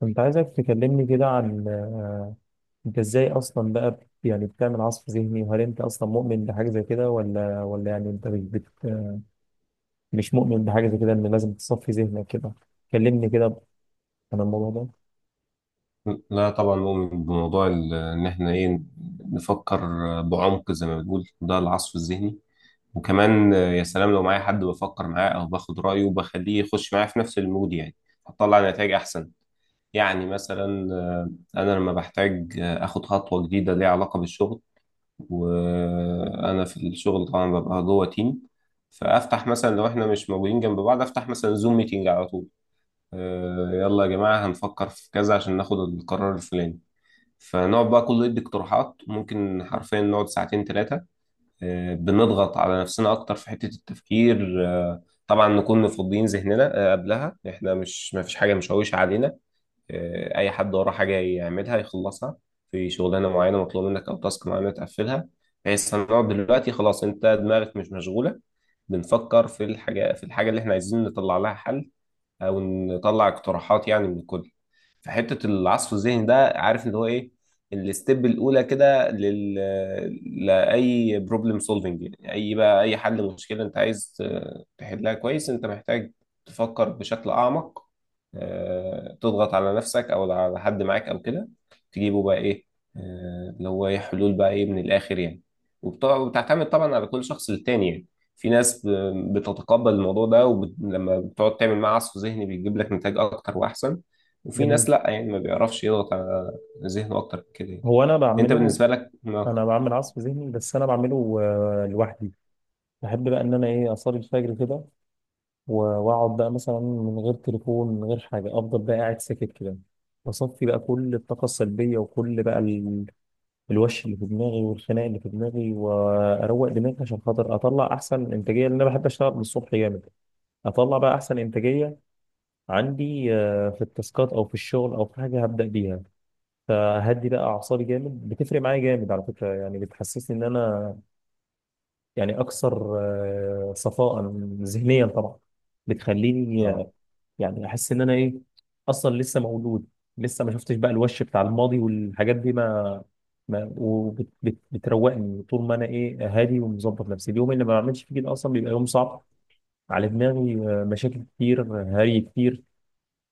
كنت عايزك تكلمني كده عن انت ازاي اصلا بقى يعني بتعمل عصف ذهني، وهل انت اصلا مؤمن بحاجه زي كده ولا يعني انت مش مؤمن بحاجه زي كده ان لازم تصفي ذهنك كده. كلمني كده عن الموضوع ده. لا، طبعا نؤمن بموضوع ان احنا ايه نفكر بعمق زي ما بنقول، ده العصف الذهني. وكمان يا سلام لو معايا حد بفكر معاه او باخد رايه وبخليه يخش معايا في نفس المود، يعني هتطلع نتائج احسن. يعني مثلا انا لما بحتاج اخد خطوه جديده ليها علاقه بالشغل، وانا في الشغل طبعا ببقى جوه تيم. فافتح مثلا لو احنا مش موجودين جنب بعض، افتح مثلا زوم ميتنج على طول. يلا يا جماعه، هنفكر في كذا عشان ناخد القرار الفلاني. فنقعد بقى كله يدي اقتراحات، ممكن حرفيا نقعد ساعتين ثلاثة. بنضغط على نفسنا أكتر في حتة التفكير. طبعا نكون مفضيين ذهننا قبلها، إحنا مش ما فيش حاجة مشوشة علينا. أي حد وراه حاجة يعملها يخلصها، في شغلانة معينة مطلوب منك أو تاسك معينة تقفلها، بحيث هنقعد دلوقتي خلاص أنت دماغك مش مشغولة، بنفكر في الحاجة اللي إحنا عايزين نطلع لها حل، أو نطلع اقتراحات يعني من الكل. في حته العصف الذهني ده، عارف اللي هو ايه الستيب الاولى كده؟ لاي بروبلم سولفنج. يعني اي بقى، اي حل مشكله انت عايز تحلها كويس، انت محتاج تفكر بشكل اعمق. تضغط على نفسك او على حد معاك او كده، تجيبه بقى ايه، اللي هو ايه حلول بقى، ايه من الاخر يعني. وبتعتمد طبعا على كل شخص للتاني يعني. في ناس بتتقبل الموضوع ده، ولما بتقعد تعمل معاه عصف ذهني بيجيب لك نتائج اكتر واحسن. وفي جميل. ناس لا، يعني ما بيعرفش يضغط على ذهنه اكتر من كده يعني. هو انت بالنسبه لك؟ اه. انا بعمل عصف ذهني بس انا بعمله لوحدي. بحب بقى ان انا ايه، اصلي الفجر كده و- واقعد بقى مثلا من غير تليفون من غير حاجه، افضل بقى قاعد ساكت كده، بصفي بقى كل الطاقه السلبيه وكل بقى الوش اللي في دماغي والخناق اللي في دماغي، واروق دماغي عشان خاطر اطلع احسن انتاجيه، لان انا بحب اشتغل من الصبح جامد. اطلع بقى احسن انتاجيه عندي في التاسكات او في الشغل او في حاجه هبدا بيها. فهدي بقى اعصابي جامد، بتفرق معايا جامد على فكره، يعني بتحسسني ان انا يعني اكثر صفاء ذهنيا طبعا. بتخليني اه. يعني احس ان انا ايه، اصلا لسه مولود، لسه ما شفتش بقى الوش بتاع الماضي والحاجات دي. ما ما وبتروقني طول ما انا ايه، هادي ومظبط نفسي. اليوم اللي ما بعملش فيه كده اصلا بيبقى يوم صعب على دماغي. مشاكل كتير، هري كتير،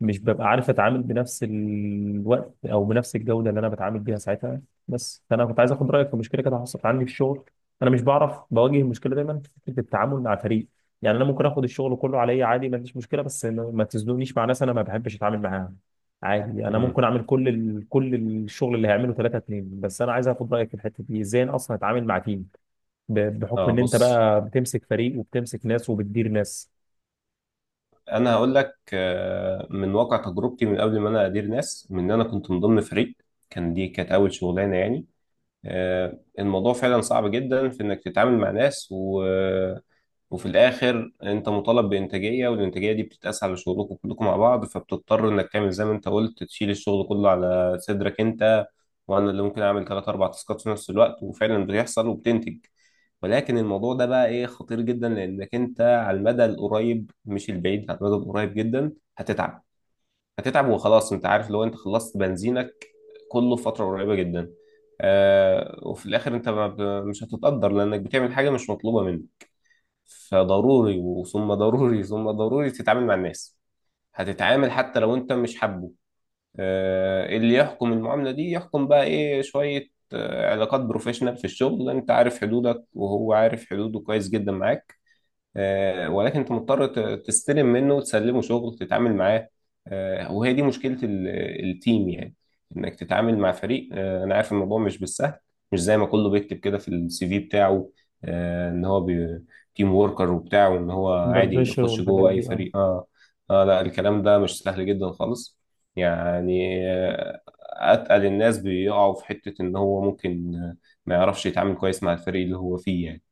مش ببقى عارف اتعامل بنفس الوقت او بنفس الجوده اللي انا بتعامل بيها ساعتها. بس فانا كنت عايز اخد رايك في مشكله كده حصلت عندي في الشغل. انا مش بعرف، بواجه المشكله دايما في فكره التعامل مع فريق. يعني انا ممكن اخد الشغل كله عليا عادي، ما عنديش مشكله، بس ما ما تزنونيش مع ناس انا ما بحبش اتعامل معاها. عادي انا مم. ممكن اعمل كل الشغل اللي هيعمله ثلاثة اتنين، بس انا عايز اخد رايك في الحته دي، ازاي انا اصلا اتعامل مع تيم، بحكم اه، ان انت بص. بقى بتمسك فريق وبتمسك ناس وبتدير ناس. انا هقول لك من واقع تجربتي من قبل ما انا ادير ناس، من ان انا كنت من ضمن فريق، كان دي كانت اول شغلانه يعني. الموضوع فعلا صعب جدا في انك تتعامل مع ناس، وفي الاخر انت مطالب بانتاجيه، والانتاجيه دي بتتقاس على شغلكم كلكم مع بعض. فبتضطر انك تعمل زي ما انت قلت، تشيل الشغل كله على صدرك انت، وانا اللي ممكن اعمل ثلاث اربع تاسكات في نفس الوقت وفعلا بيحصل وبتنتج. ولكن الموضوع ده بقى ايه، خطير جدا، لانك انت على المدى القريب مش البعيد، على المدى القريب جدا هتتعب. هتتعب وخلاص، انت عارف لو انت خلصت بنزينك كله في فتره قريبه جدا، آه وفي الاخر انت ما ب- مش هتتقدر لانك بتعمل حاجه مش مطلوبه منك. فضروري، وثم ضروري ثم ضروري، تتعامل مع الناس. هتتعامل حتى لو انت مش حابه. اللي يحكم المعاملة دي يحكم بقى ايه، شوية علاقات بروفيشنال في الشغل، انت عارف حدودك وهو عارف حدوده كويس جدا معاك. ولكن انت مضطر تستلم منه وتسلمه شغل، تتعامل معاه. وهي دي مشكلة التيم يعني، انك تتعامل مع فريق. انا عارف الموضوع مش بالسهل، مش زي ما كله بيكتب كده في السي في بتاعه، ان هو تيم وركر وبتاع، وان هو اندر عادي بريشر يخش والحاجات جوه اي دي، اه فريق. اه. اه، لا، الكلام ده مش سهل جدا خالص، يعني اتقل الناس بيقعوا في حتة ان هو ممكن ما يعرفش يتعامل كويس مع الفريق اللي هو فيه يعني.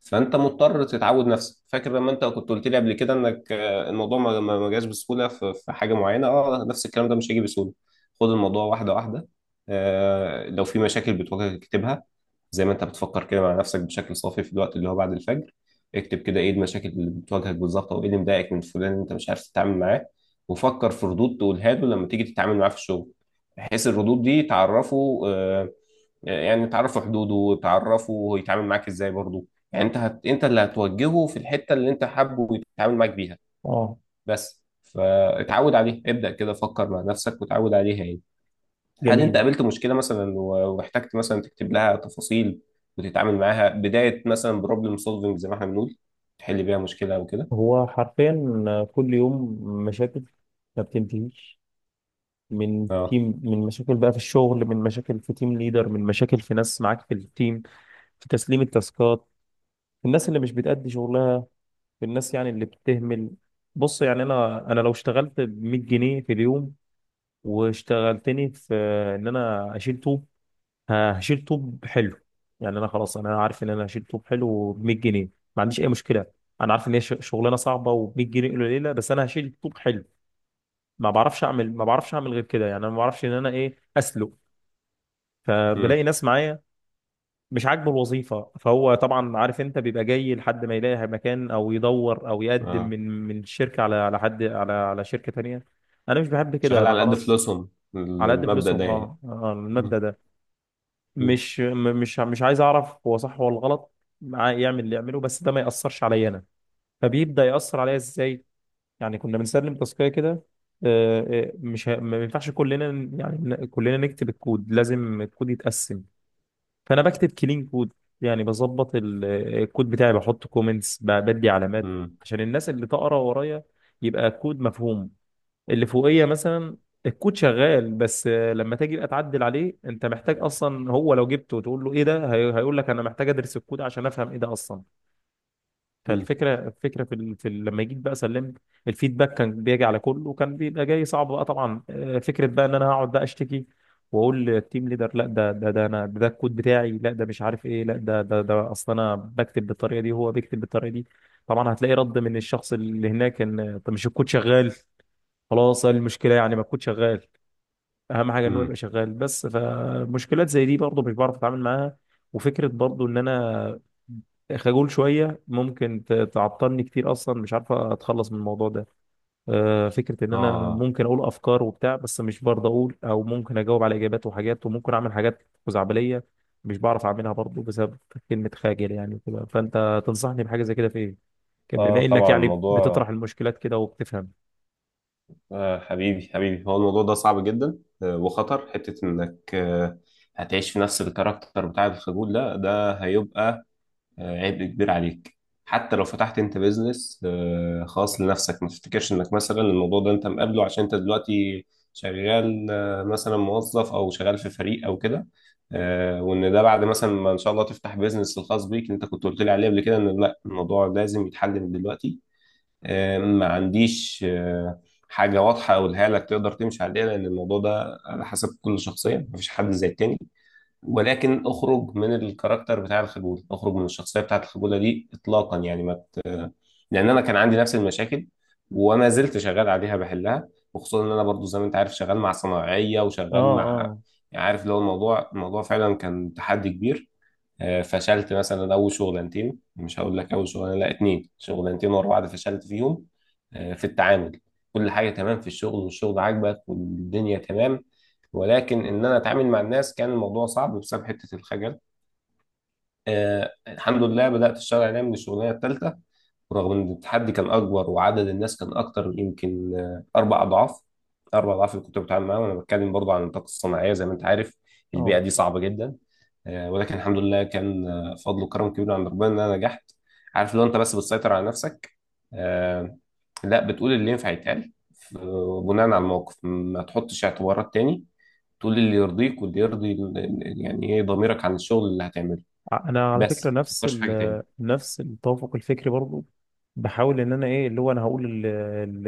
فانت مضطر تتعود نفسك. فاكر لما انت كنت قلت لي قبل كده انك الموضوع ما جاش بسهوله في حاجه معينه؟ اه، نفس الكلام ده مش هيجي بسهوله. خد الموضوع واحده واحده. لو في مشاكل بتواجهك اكتبها، زي ما انت بتفكر كده مع نفسك بشكل صافي في الوقت اللي هو بعد الفجر. اكتب كده ايه المشاكل اللي بتواجهك بالظبط، او ايه اللي مضايقك من فلان اللي انت مش عارف تتعامل معاه. وفكر في ردود تقولها له لما تيجي تتعامل معاه في الشغل، بحيث الردود دي تعرفه، يعني تعرفوا حدوده وتعرفوا هو يتعامل معاك ازاي برضه. يعني انت انت اللي هتوجهه في الحته اللي انت حابه يتعامل معاك بيها. اه. بس فاتعود عليها، ابدا كده فكر مع نفسك وتعود عليها يعني. هل انت جميل. قابلت مشكله مثلا واحتجت مثلا تكتب لها تفاصيل وتتعامل معاها بدايه، مثلا بروبلم سولفنج زي ما احنا بنقول، تحل بيها مشكله او كده؟ هو حرفيا كل يوم مشاكل ما بتنتهيش. من اه. تيم، من مشاكل بقى في الشغل، من مشاكل في تيم ليدر، من مشاكل في ناس معاك في التيم، في تسليم التاسكات، في الناس اللي مش بتأدي شغلها، في الناس يعني اللي بتهمل. بص يعني انا لو اشتغلت ب 100 جنيه في اليوم، واشتغلتني في ان انا اشيل طوب، هشيل طوب حلو. يعني انا خلاص انا عارف ان انا هشيل طوب حلو ب 100 جنيه، ما عنديش اي مشكلة. انا عارف ان هي شغلانه صعبه وب 100 جنيه قليله، بس انا هشيل طوب حلو. ما بعرفش اعمل غير كده، يعني انا ما بعرفش ان انا ايه، اسلق. امم. فبلاقي ناس معايا مش عاجبه الوظيفه، فهو طبعا عارف انت بيبقى جاي لحد ما يلاقي مكان، او يدور او يقدم اه. من الشركه على على حد، على شركه تانيه. انا مش بحب كده، شغال انا على قد خلاص. فلوسهم، على قد المبدا فلوسهم ده يعني. اه، امم. المبدأ ده. مش م- مش مش عايز اعرف هو صح ولا غلط، معاه يعمل اللي يعمله، بس ده ما يأثرش عليا انا. فبيبدأ يأثر عليا ازاي؟ يعني كنا بنسلم تاسكية كده، مش ه- ما ينفعش كلنا كلنا نكتب الكود، لازم الكود يتقسم. فانا بكتب كلين كود، يعني بظبط الكود بتاعي، بحط كومنتس، بدي علامات امم. عشان الناس اللي تقرا ورايا يبقى الكود مفهوم. اللي فوقيه مثلا الكود شغال، بس لما تيجي بقى تعدل عليه انت محتاج اصلا، هو لو جبته وتقول له ايه ده، هيقول لك انا محتاج ادرس الكود عشان افهم ايه ده اصلا. امم. فالفكره لما جيت بقى سلمت، الفيدباك كان بيجي على كله وكان بيبقى جاي صعب بقى طبعا. فكره بقى ان انا هقعد بقى اشتكي واقول للتيم ليدر، لا ده انا، ده الكود بتاعي، لا ده مش عارف ايه، لا ده اصل انا بكتب بالطريقه دي وهو بيكتب بالطريقه دي. طبعا هتلاقي رد من الشخص اللي هناك ان طب مش الكود شغال، خلاص إيه المشكله؟ يعني ما الكود شغال، اهم حاجه ان هو يبقى امم. شغال. بس فمشكلات زي دي برضه مش بعرف اتعامل معاها. وفكره برضه ان انا خجول شويه ممكن تعطلني كتير، اصلا مش عارف اتخلص من الموضوع ده. فكره ان انا اه. ممكن اقول افكار وبتاع بس مش برضه اقول، او ممكن اجاوب على اجابات وحاجات وممكن اعمل حاجات خزعبليه مش بعرف اعملها برضه بسبب كلمه خاجل يعني وكده. فانت تنصحني بحاجه زي كده في ايه؟ كان اه، بما انك طبعا يعني الموضوع بتطرح المشكلات كده وبتفهم. حبيبي حبيبي، هو الموضوع ده صعب جدا. وخطر حتة انك هتعيش في نفس الكاركتر بتاع الخجول ده هيبقى عبء كبير عليك. حتى لو فتحت انت بيزنس خاص لنفسك، ما تفتكرش انك مثلا الموضوع ده انت مقابله عشان انت دلوقتي شغال، مثلا موظف او شغال في فريق او كده. وان ده بعد مثلا ما ان شاء الله تفتح بيزنس الخاص بيك، انت كنت قلت لي عليه قبل كده، ان لا، الموضوع لازم يتحل من دلوقتي. ما عنديش حاجة واضحة أقولها لك تقدر تمشي عليها، لأن الموضوع ده على حسب كل شخصية، مفيش حد زي التاني. ولكن اخرج من الكاركتر بتاع الخجولة، اخرج من الشخصية بتاعة الخجولة دي إطلاقا يعني ما. لأن أنا كان عندي نفس المشاكل، وما زلت شغال عليها بحلها. وخصوصا إن أنا برضو زي ما أنت عارف شغال مع صناعية اه وشغال مع، اه يعني عارف، لو الموضوع فعلا كان تحدي كبير. فشلت مثلا اول شغلانتين، مش هقول لك اول شغلانه، لا اتنين شغلانتين ورا بعض فشلت فيهم، في التعامل. كل حاجه تمام في الشغل، والشغل عاجبك والدنيا تمام، ولكن ان انا اتعامل مع الناس كان الموضوع صعب بسبب حته الخجل. الحمد لله بدأت أشتغل عليها من الشغلانة الثالثة، ورغم إن التحدي كان أكبر وعدد الناس كان أكتر يمكن أربع أضعاف. أربع أضعاف اللي كنت بتعامل معاهم، أنا بتكلم برضه عن الطاقة الصناعية زي ما أنت عارف. البيئة اه. دي صعبة جدا. ولكن الحمد لله كان فضل وكرم كبير عند ربنا إن أنا نجحت. عارف، لو أنت بس بتسيطر على نفسك، آه لا، بتقول اللي ينفع يتقال، بناء على الموقف. ما تحطش اعتبارات تاني، تقول اللي يرضيك واللي يرضي يعني إيه ضميرك عن الشغل اللي هتعمله. انا على فكره بس ما نفس تفكرش في حاجة تاني. ال نفس التوافق الفكري برضو. بحاول ان انا ايه، اللي هو انا هقول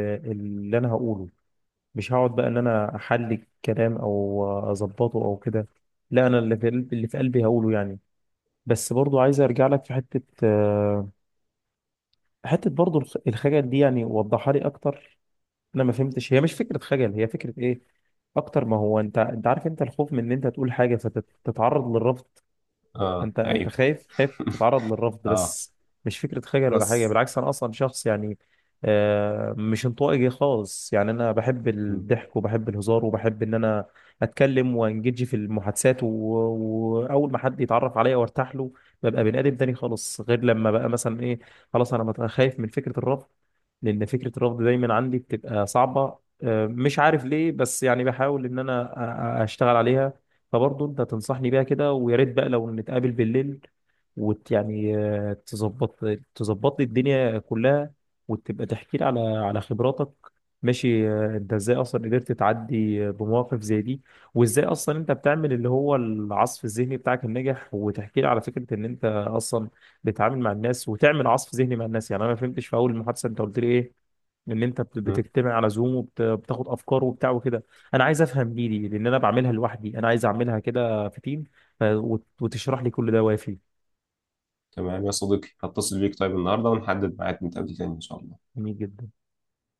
ال- اللي انا هقوله، مش هقعد بقى ان انا احلي الكلام او اظبطه او كده. لا، انا اللي في قلبي، هقوله يعني. بس برضو عايز ارجع لك في حته برضو الخجل دي، يعني وضحها لي اكتر، انا ما فهمتش، هي مش فكره خجل، هي فكره ايه اكتر ما هو، انت انت عارف، انت الخوف من ان انت تقول حاجه فتتعرض للرفض. اه، انت ايوه. خايف تتعرض للرفض اه. بس. مش فكره خجل ولا حاجه، بس. بالعكس انا اصلا شخص يعني مش انطوائي خالص. يعني انا بحب م- الضحك وبحب الهزار وبحب ان انا اتكلم وانجدج في المحادثات، و- واول ما حد يتعرف عليا وارتاح له ببقى بني ادم تاني خالص، غير لما بقى مثلا ايه، خلاص انا خايف من فكره الرفض، لان فكره الرفض دايما عندي بتبقى صعبه. مش عارف ليه بس يعني بحاول ان انا اشتغل عليها. فبرضه انت تنصحني بيها كده، ويا ريت بقى لو نتقابل بالليل وت يعني آه، تظبط لي الدنيا كلها، وتبقى تحكي لي على خبراتك. ماشي، انت ازاي اصلا قدرت تعدي بمواقف زي دي، وازاي اصلا انت بتعمل اللي هو العصف الذهني بتاعك الناجح، وتحكي لي على فكرة ان انت اصلا بتتعامل مع الناس وتعمل عصف ذهني مع الناس، يعني انا ما فهمتش في اول المحادثة، انت قلت لي ايه، ان انت م. بتجتمع على زوم وبتاخد افكار وبتاع وكده. انا عايز افهم دي لان انا بعملها لوحدي، انا عايز اعملها كده في تيم، ف- وت- وتشرح لي كل ده وافي. تمام يا صديقي، هتصل بيك طيب النهارده ونحدد ميعاد نتقابل تاني ان شاء الله. جميل جدا.